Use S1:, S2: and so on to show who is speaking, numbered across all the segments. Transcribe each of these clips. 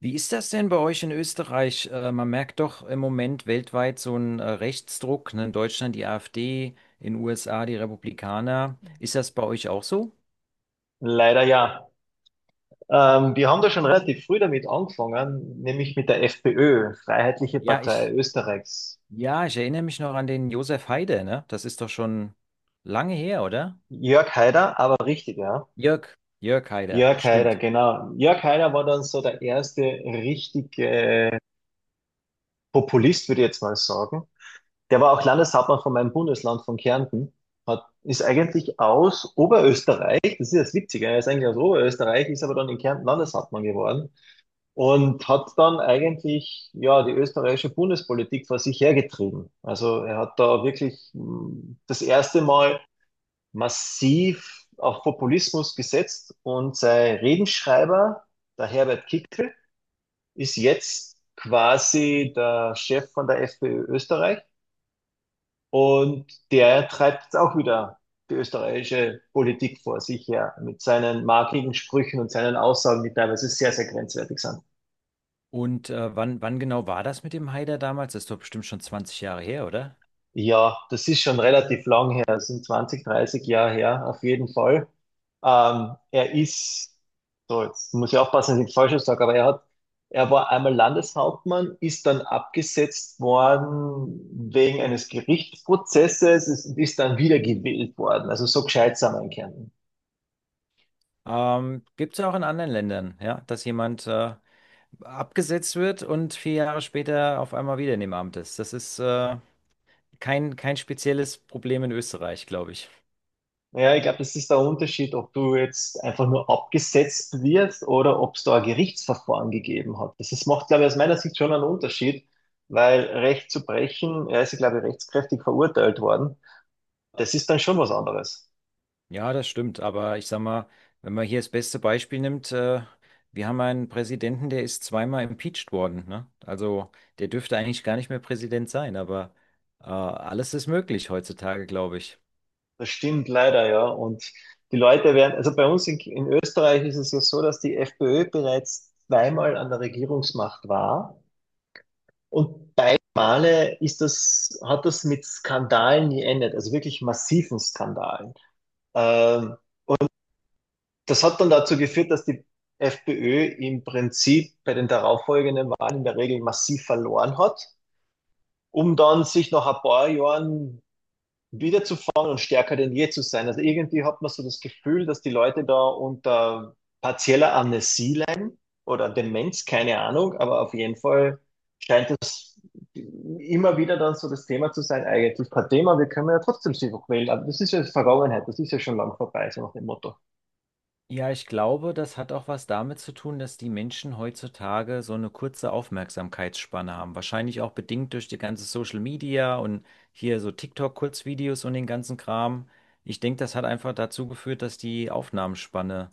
S1: Wie ist das denn bei euch in Österreich? Man merkt doch im Moment weltweit so einen Rechtsdruck, ne? In Deutschland die AfD, in den USA die Republikaner. Ist das bei euch auch so?
S2: Leider ja. Die haben da schon relativ früh damit angefangen, nämlich mit der FPÖ, Freiheitliche
S1: Ja,
S2: Partei
S1: ich,
S2: Österreichs.
S1: ja, ich erinnere mich noch an den Josef Haider, ne? Das ist doch schon lange her, oder?
S2: Jörg Haider, aber richtig, ja.
S1: Jörg Haider,
S2: Jörg Haider,
S1: stimmt.
S2: genau. Jörg Haider war dann so der erste richtige Populist, würde ich jetzt mal sagen. Der war auch Landeshauptmann von meinem Bundesland, von Kärnten. Ist eigentlich aus Oberösterreich, das ist das Witzige, er ist eigentlich aus Oberösterreich, ist aber dann in Kärnten Landeshauptmann geworden. Und hat dann eigentlich ja die österreichische Bundespolitik vor sich hergetrieben. Also er hat da wirklich das erste Mal massiv auf Populismus gesetzt, und sein Redenschreiber, der Herbert Kickl, ist jetzt quasi der Chef von der FPÖ Österreich, und der treibt jetzt auch wieder die österreichische Politik vor sich her mit seinen markigen Sprüchen und seinen Aussagen, die teilweise sehr, sehr grenzwertig sind.
S1: Und wann genau war das mit dem Haider damals? Das ist doch bestimmt schon 20 Jahre her, oder?
S2: Ja, das ist schon relativ lang her, das sind 20, 30 Jahre her, auf jeden Fall. Er ist, so jetzt muss ich aufpassen, dass ich nichts Falsches sage, aber er hat, er war einmal Landeshauptmann, ist dann abgesetzt worden wegen eines Gerichtsprozesses, ist dann wieder gewählt worden. Also so gescheit sind wir in Kärnten.
S1: Gibt es auch in anderen Ländern, ja, dass jemand abgesetzt wird und vier Jahre später auf einmal wieder in dem Amt ist. Das ist kein spezielles Problem in Österreich, glaube ich.
S2: Ja, ich glaube, das ist der Unterschied, ob du jetzt einfach nur abgesetzt wirst oder ob es da ein Gerichtsverfahren gegeben hat. Das ist, macht, glaube ich, aus meiner Sicht schon einen Unterschied, weil Recht zu brechen, er ist, glaube ich, rechtskräftig verurteilt worden. Das ist dann schon was anderes.
S1: Ja, das stimmt. Aber ich sag mal, wenn man hier das beste Beispiel nimmt, wir haben einen Präsidenten, der ist zweimal impeached worden, ne? Also der dürfte eigentlich gar nicht mehr Präsident sein, aber alles ist möglich heutzutage, glaube ich.
S2: Das stimmt leider, ja. Und die Leute werden, also bei uns in Österreich ist es ja so, dass die FPÖ bereits zweimal an der Regierungsmacht war, und beide Male ist das, hat das mit Skandalen geendet, also wirklich massiven Skandalen. Ähm, Das hat dann dazu geführt, dass die FPÖ im Prinzip bei den darauffolgenden Wahlen in der Regel massiv verloren hat, um dann sich nach ein paar Jahren wiederzufangen und stärker denn je zu sein. Also irgendwie hat man so das Gefühl, dass die Leute da unter partieller Amnesie leiden oder Demenz, keine Ahnung, aber auf jeden Fall scheint es immer wieder dann so das Thema zu sein, eigentlich kein Thema, wir können ja trotzdem sie wählen, aber das ist ja Vergangenheit, das ist ja schon lang vorbei, so nach dem Motto.
S1: Ja, ich glaube, das hat auch was damit zu tun, dass die Menschen heutzutage so eine kurze Aufmerksamkeitsspanne haben. Wahrscheinlich auch bedingt durch die ganze Social Media und hier so TikTok-Kurzvideos und den ganzen Kram. Ich denke, das hat einfach dazu geführt, dass die Aufnahmenspanne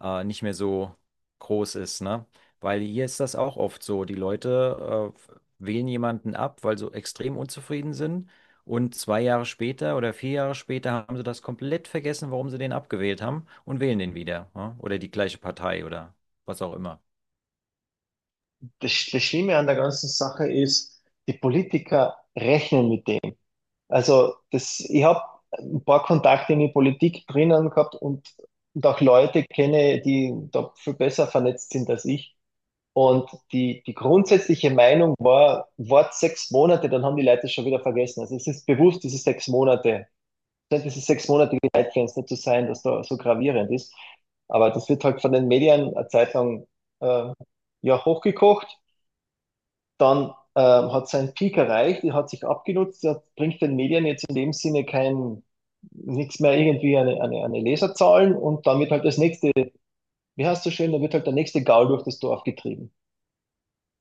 S1: nicht mehr so groß ist, ne? Weil hier ist das auch oft so. Die Leute wählen jemanden ab, weil sie extrem unzufrieden sind. Und zwei Jahre später oder vier Jahre später haben sie das komplett vergessen, warum sie den abgewählt haben und wählen den wieder. Ja? Oder die gleiche Partei oder was auch immer.
S2: Das Schlimme an der ganzen Sache ist, die Politiker rechnen mit dem. Also das, ich habe ein paar Kontakte in die Politik drinnen gehabt, und auch Leute kenne, die da viel besser vernetzt sind als ich. Und die grundsätzliche Meinung war, wart 6 Monate, dann haben die Leute es schon wieder vergessen. Also es ist bewusst, diese 6 Monate, scheint dieses sechsmonatige Zeitfenster zu sein, das da so gravierend ist. Aber das wird halt von den Medien eine Zeit lang äh, ja, hochgekocht, dann hat sein Peak erreicht, die hat sich abgenutzt, das bringt den Medien jetzt in dem Sinne kein, nichts mehr irgendwie eine, Leserzahlen, und damit halt das nächste, wie heißt so schön, da wird halt der nächste Gaul durch das Dorf getrieben.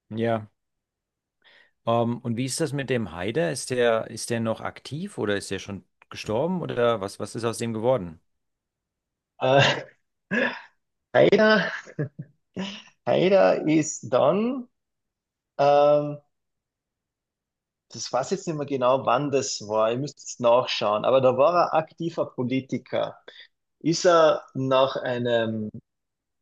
S1: Ja. Und wie ist das mit dem Haider? Ist der noch aktiv oder ist der schon gestorben oder was ist aus dem geworden?
S2: Äh, Haider, Haider ist dann, ähm, das weiß ich jetzt nicht mehr genau, wann das war, ihr müsst jetzt nachschauen, aber da war er aktiver Politiker. Ist er nach einem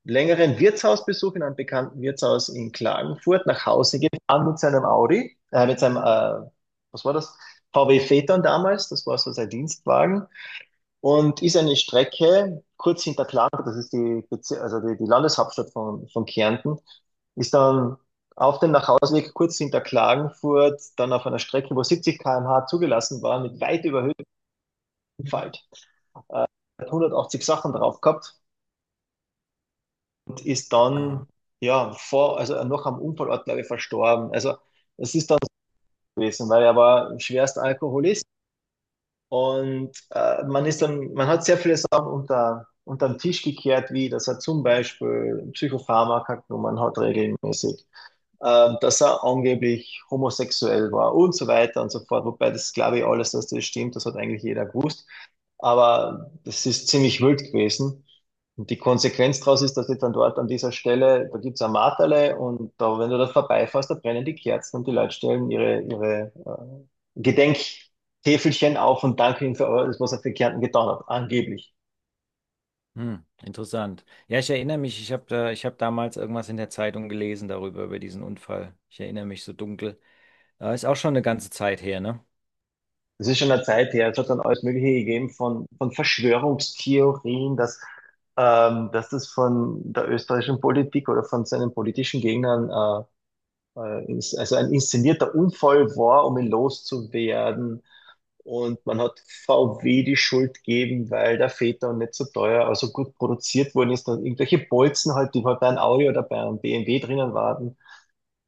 S2: längeren Wirtshausbesuch in einem bekannten Wirtshaus in Klagenfurt nach Hause gefahren mit seinem Audi, mit seinem, was war das? VW Phaeton damals, das war so sein Dienstwagen, und ist eine Strecke kurz hinter Klagenfurt, das ist die, also die Landeshauptstadt von Kärnten, ist dann auf dem Nachhauseweg kurz hinter Klagenfurt, dann auf einer Strecke, wo 70 km/h zugelassen war, mit weit überhöhtem Falt. Hat 180 Sachen drauf gehabt und ist
S1: Ah,
S2: dann ja vor, also noch am Unfallort, glaube ich, verstorben. Also es ist dann so gewesen, weil er war schwerst Alkoholist, und man ist dann, man hat sehr viele Sachen unter den Tisch gekehrt, wie dass er zum Beispiel Psychopharmaka genommen hat regelmäßig, dass er angeblich homosexuell war und so weiter und so fort. Wobei das glaube ich alles, dass das stimmt, das hat eigentlich jeder gewusst. Aber das ist ziemlich wild gewesen. Und die Konsequenz daraus ist, dass ich dann dort an dieser Stelle, da gibt's ein Marterle, und da, wenn du da vorbeifährst, da brennen die Kerzen, und die Leute stellen ihre, ihre Gedenktäfelchen auf und danken ihnen für alles, was er für Kärnten getan hat, angeblich.
S1: hm, interessant. Ja, ich erinnere mich, ich habe damals irgendwas in der Zeitung gelesen darüber, über diesen Unfall. Ich erinnere mich so dunkel. Ist auch schon eine ganze Zeit her, ne?
S2: Das ist schon eine Zeit her. Es hat dann alles Mögliche gegeben von Verschwörungstheorien, dass das von der österreichischen Politik oder von seinen politischen Gegnern also ein inszenierter Unfall war, um ihn loszuwerden. Und man hat VW die Schuld gegeben, weil der Phaeton nicht so teuer, also gut produziert worden ist. Und irgendwelche Bolzen halt, die halt bei einem Audi oder bei einem BMW drinnen waren,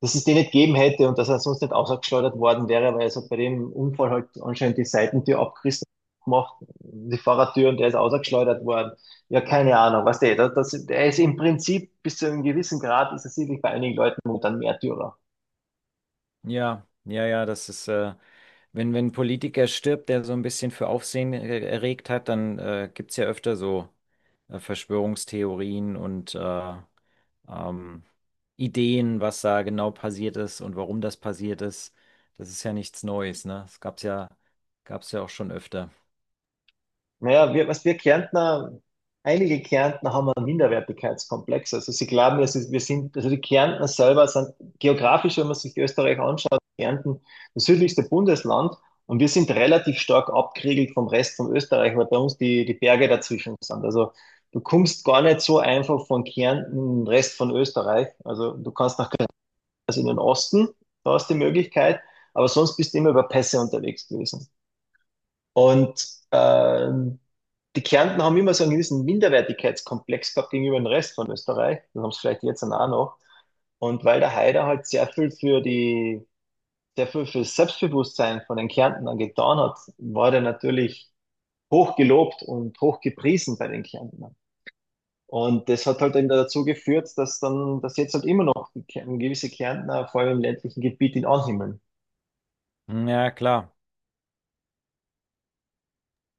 S2: dass es den nicht gegeben hätte und dass er sonst nicht ausgeschleudert worden wäre, weil es hat bei dem Unfall halt anscheinend die Seitentür abgerissen gemacht, die Fahrertür, und der ist ausgeschleudert worden. Ja, keine Ahnung, was der, das, das, der ist im Prinzip bis zu einem gewissen Grad, ist er sicherlich bei einigen Leuten momentan Märtyrer.
S1: Ja, ja, ja, wenn ein Politiker stirbt, der so ein bisschen für Aufsehen erregt hat, dann gibt es ja öfter so Verschwörungstheorien und ähm, Ideen, was da genau passiert ist und warum das passiert ist. Das ist ja nichts Neues, ne? Gab's ja auch schon öfter.
S2: Naja, wir, was wir Kärntner, einige Kärntner haben einen Minderwertigkeitskomplex. Also sie glauben, es ist, wir sind, also die Kärntner selber sind geografisch, wenn man sich Österreich anschaut, Kärnten das südlichste Bundesland, und wir sind relativ stark abgeriegelt vom Rest von Österreich, weil bei uns die Berge dazwischen sind. Also du kommst gar nicht so einfach von Kärnten in den Rest von Österreich. Also du kannst nach also in den Osten, da ist die Möglichkeit, aber sonst bist du immer über Pässe unterwegs gewesen. Und ähm, die Kärntner haben immer so einen gewissen Minderwertigkeitskomplex gehabt gegenüber dem Rest von Österreich. Das haben sie vielleicht jetzt dann auch noch. Und weil der Haider halt sehr viel für die, sehr viel für das Selbstbewusstsein von den Kärntnern getan hat, war der natürlich hoch gelobt und hoch gepriesen bei den Kärntnern. Und das hat halt eben dazu geführt, dass dann, dass jetzt halt immer noch die, gewisse Kärntner, vor allem im ländlichen Gebiet, ihn anhimmeln.
S1: Hm, ja, klar.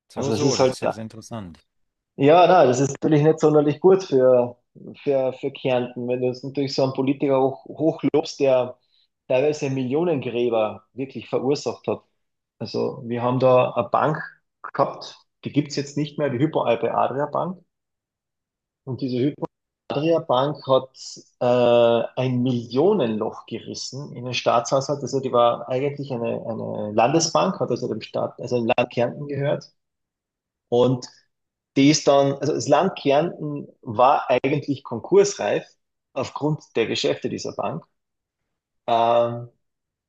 S2: Also das ist
S1: Das
S2: halt,
S1: ist ja sehr interessant.
S2: ja, na, das ist natürlich nicht sonderlich gut für, Kärnten, wenn du jetzt natürlich so einen Politiker hochlobst, der teilweise Millionengräber wirklich verursacht hat. Also wir haben da eine Bank gehabt, die gibt's jetzt nicht mehr, die Hypo-Alpe Adria Bank. Und diese Hypo Adria Bank hat ein Millionenloch gerissen in den Staatshaushalt. Also die war eigentlich eine Landesbank, hat also dem Staat, also dem Land Kärnten gehört. Und die ist dann, also das Land Kärnten war eigentlich konkursreif aufgrund der Geschäfte dieser Bank. Ähm,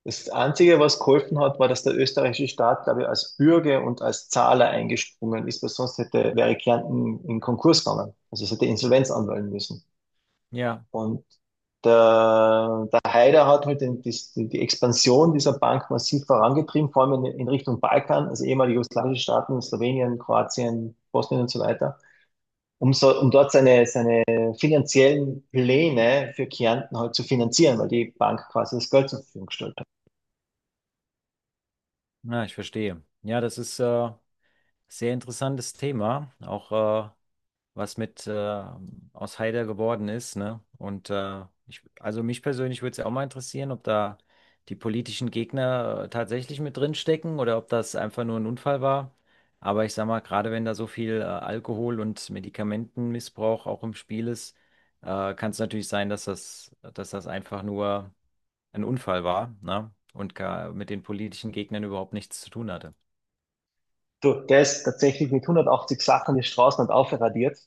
S2: Das Einzige, was geholfen hat, war, dass der österreichische Staat, glaube ich, als Bürger und als Zahler eingesprungen ist, weil sonst hätte, wäre Kärnten in Konkurs gegangen. Also es hätte Insolvenz anmelden müssen.
S1: Ja,
S2: Und der, der Haider hat halt den, die Expansion dieser Bank massiv vorangetrieben, vor allem in Richtung Balkan, also ehemalige jugoslawische Staaten, Slowenien, Kroatien, Bosnien und so weiter, um, so, um dort seine, finanziellen Pläne für Kärnten halt zu finanzieren, weil die Bank quasi das Geld zur Verfügung gestellt hat.
S1: na, ich verstehe. Ja, das ist sehr interessantes Thema. Auch was mit aus Haider geworden ist, ne? Und also mich persönlich würde es ja auch mal interessieren, ob da die politischen Gegner tatsächlich mit drin stecken oder ob das einfach nur ein Unfall war. Aber ich sag mal, gerade wenn da so viel Alkohol und Medikamentenmissbrauch auch im Spiel ist, kann es natürlich sein, dass das einfach nur ein Unfall war, ne? Und gar mit den politischen Gegnern überhaupt nichts zu tun hatte.
S2: Du, der ist tatsächlich mit 180 Sachen die Straßen und aufradiert.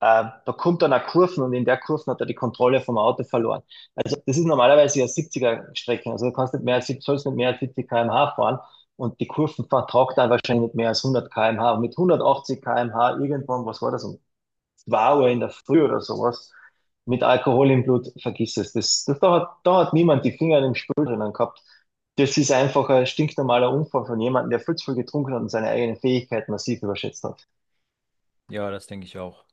S2: Da kommt dann eine Kurven, und in der Kurven hat er die Kontrolle vom Auto verloren. Also das ist normalerweise ja 70er-Strecke. Also du kannst nicht mehr als 70, sollst nicht mehr als 70 km/h fahren, und die Kurven vertragt dann wahrscheinlich nicht mehr als 100 km/h. Und mit 180 km/h irgendwann, was war das, um 2 Uhr in der Früh oder sowas mit Alkohol im Blut, vergiss es. Das, das, da, da hat niemand die Finger in dem Spiel drinnen gehabt. Das ist einfach ein stinknormaler Unfall von jemandem, der viel zu viel getrunken hat und seine eigenen Fähigkeiten massiv überschätzt hat.
S1: Ja, das denke ich auch.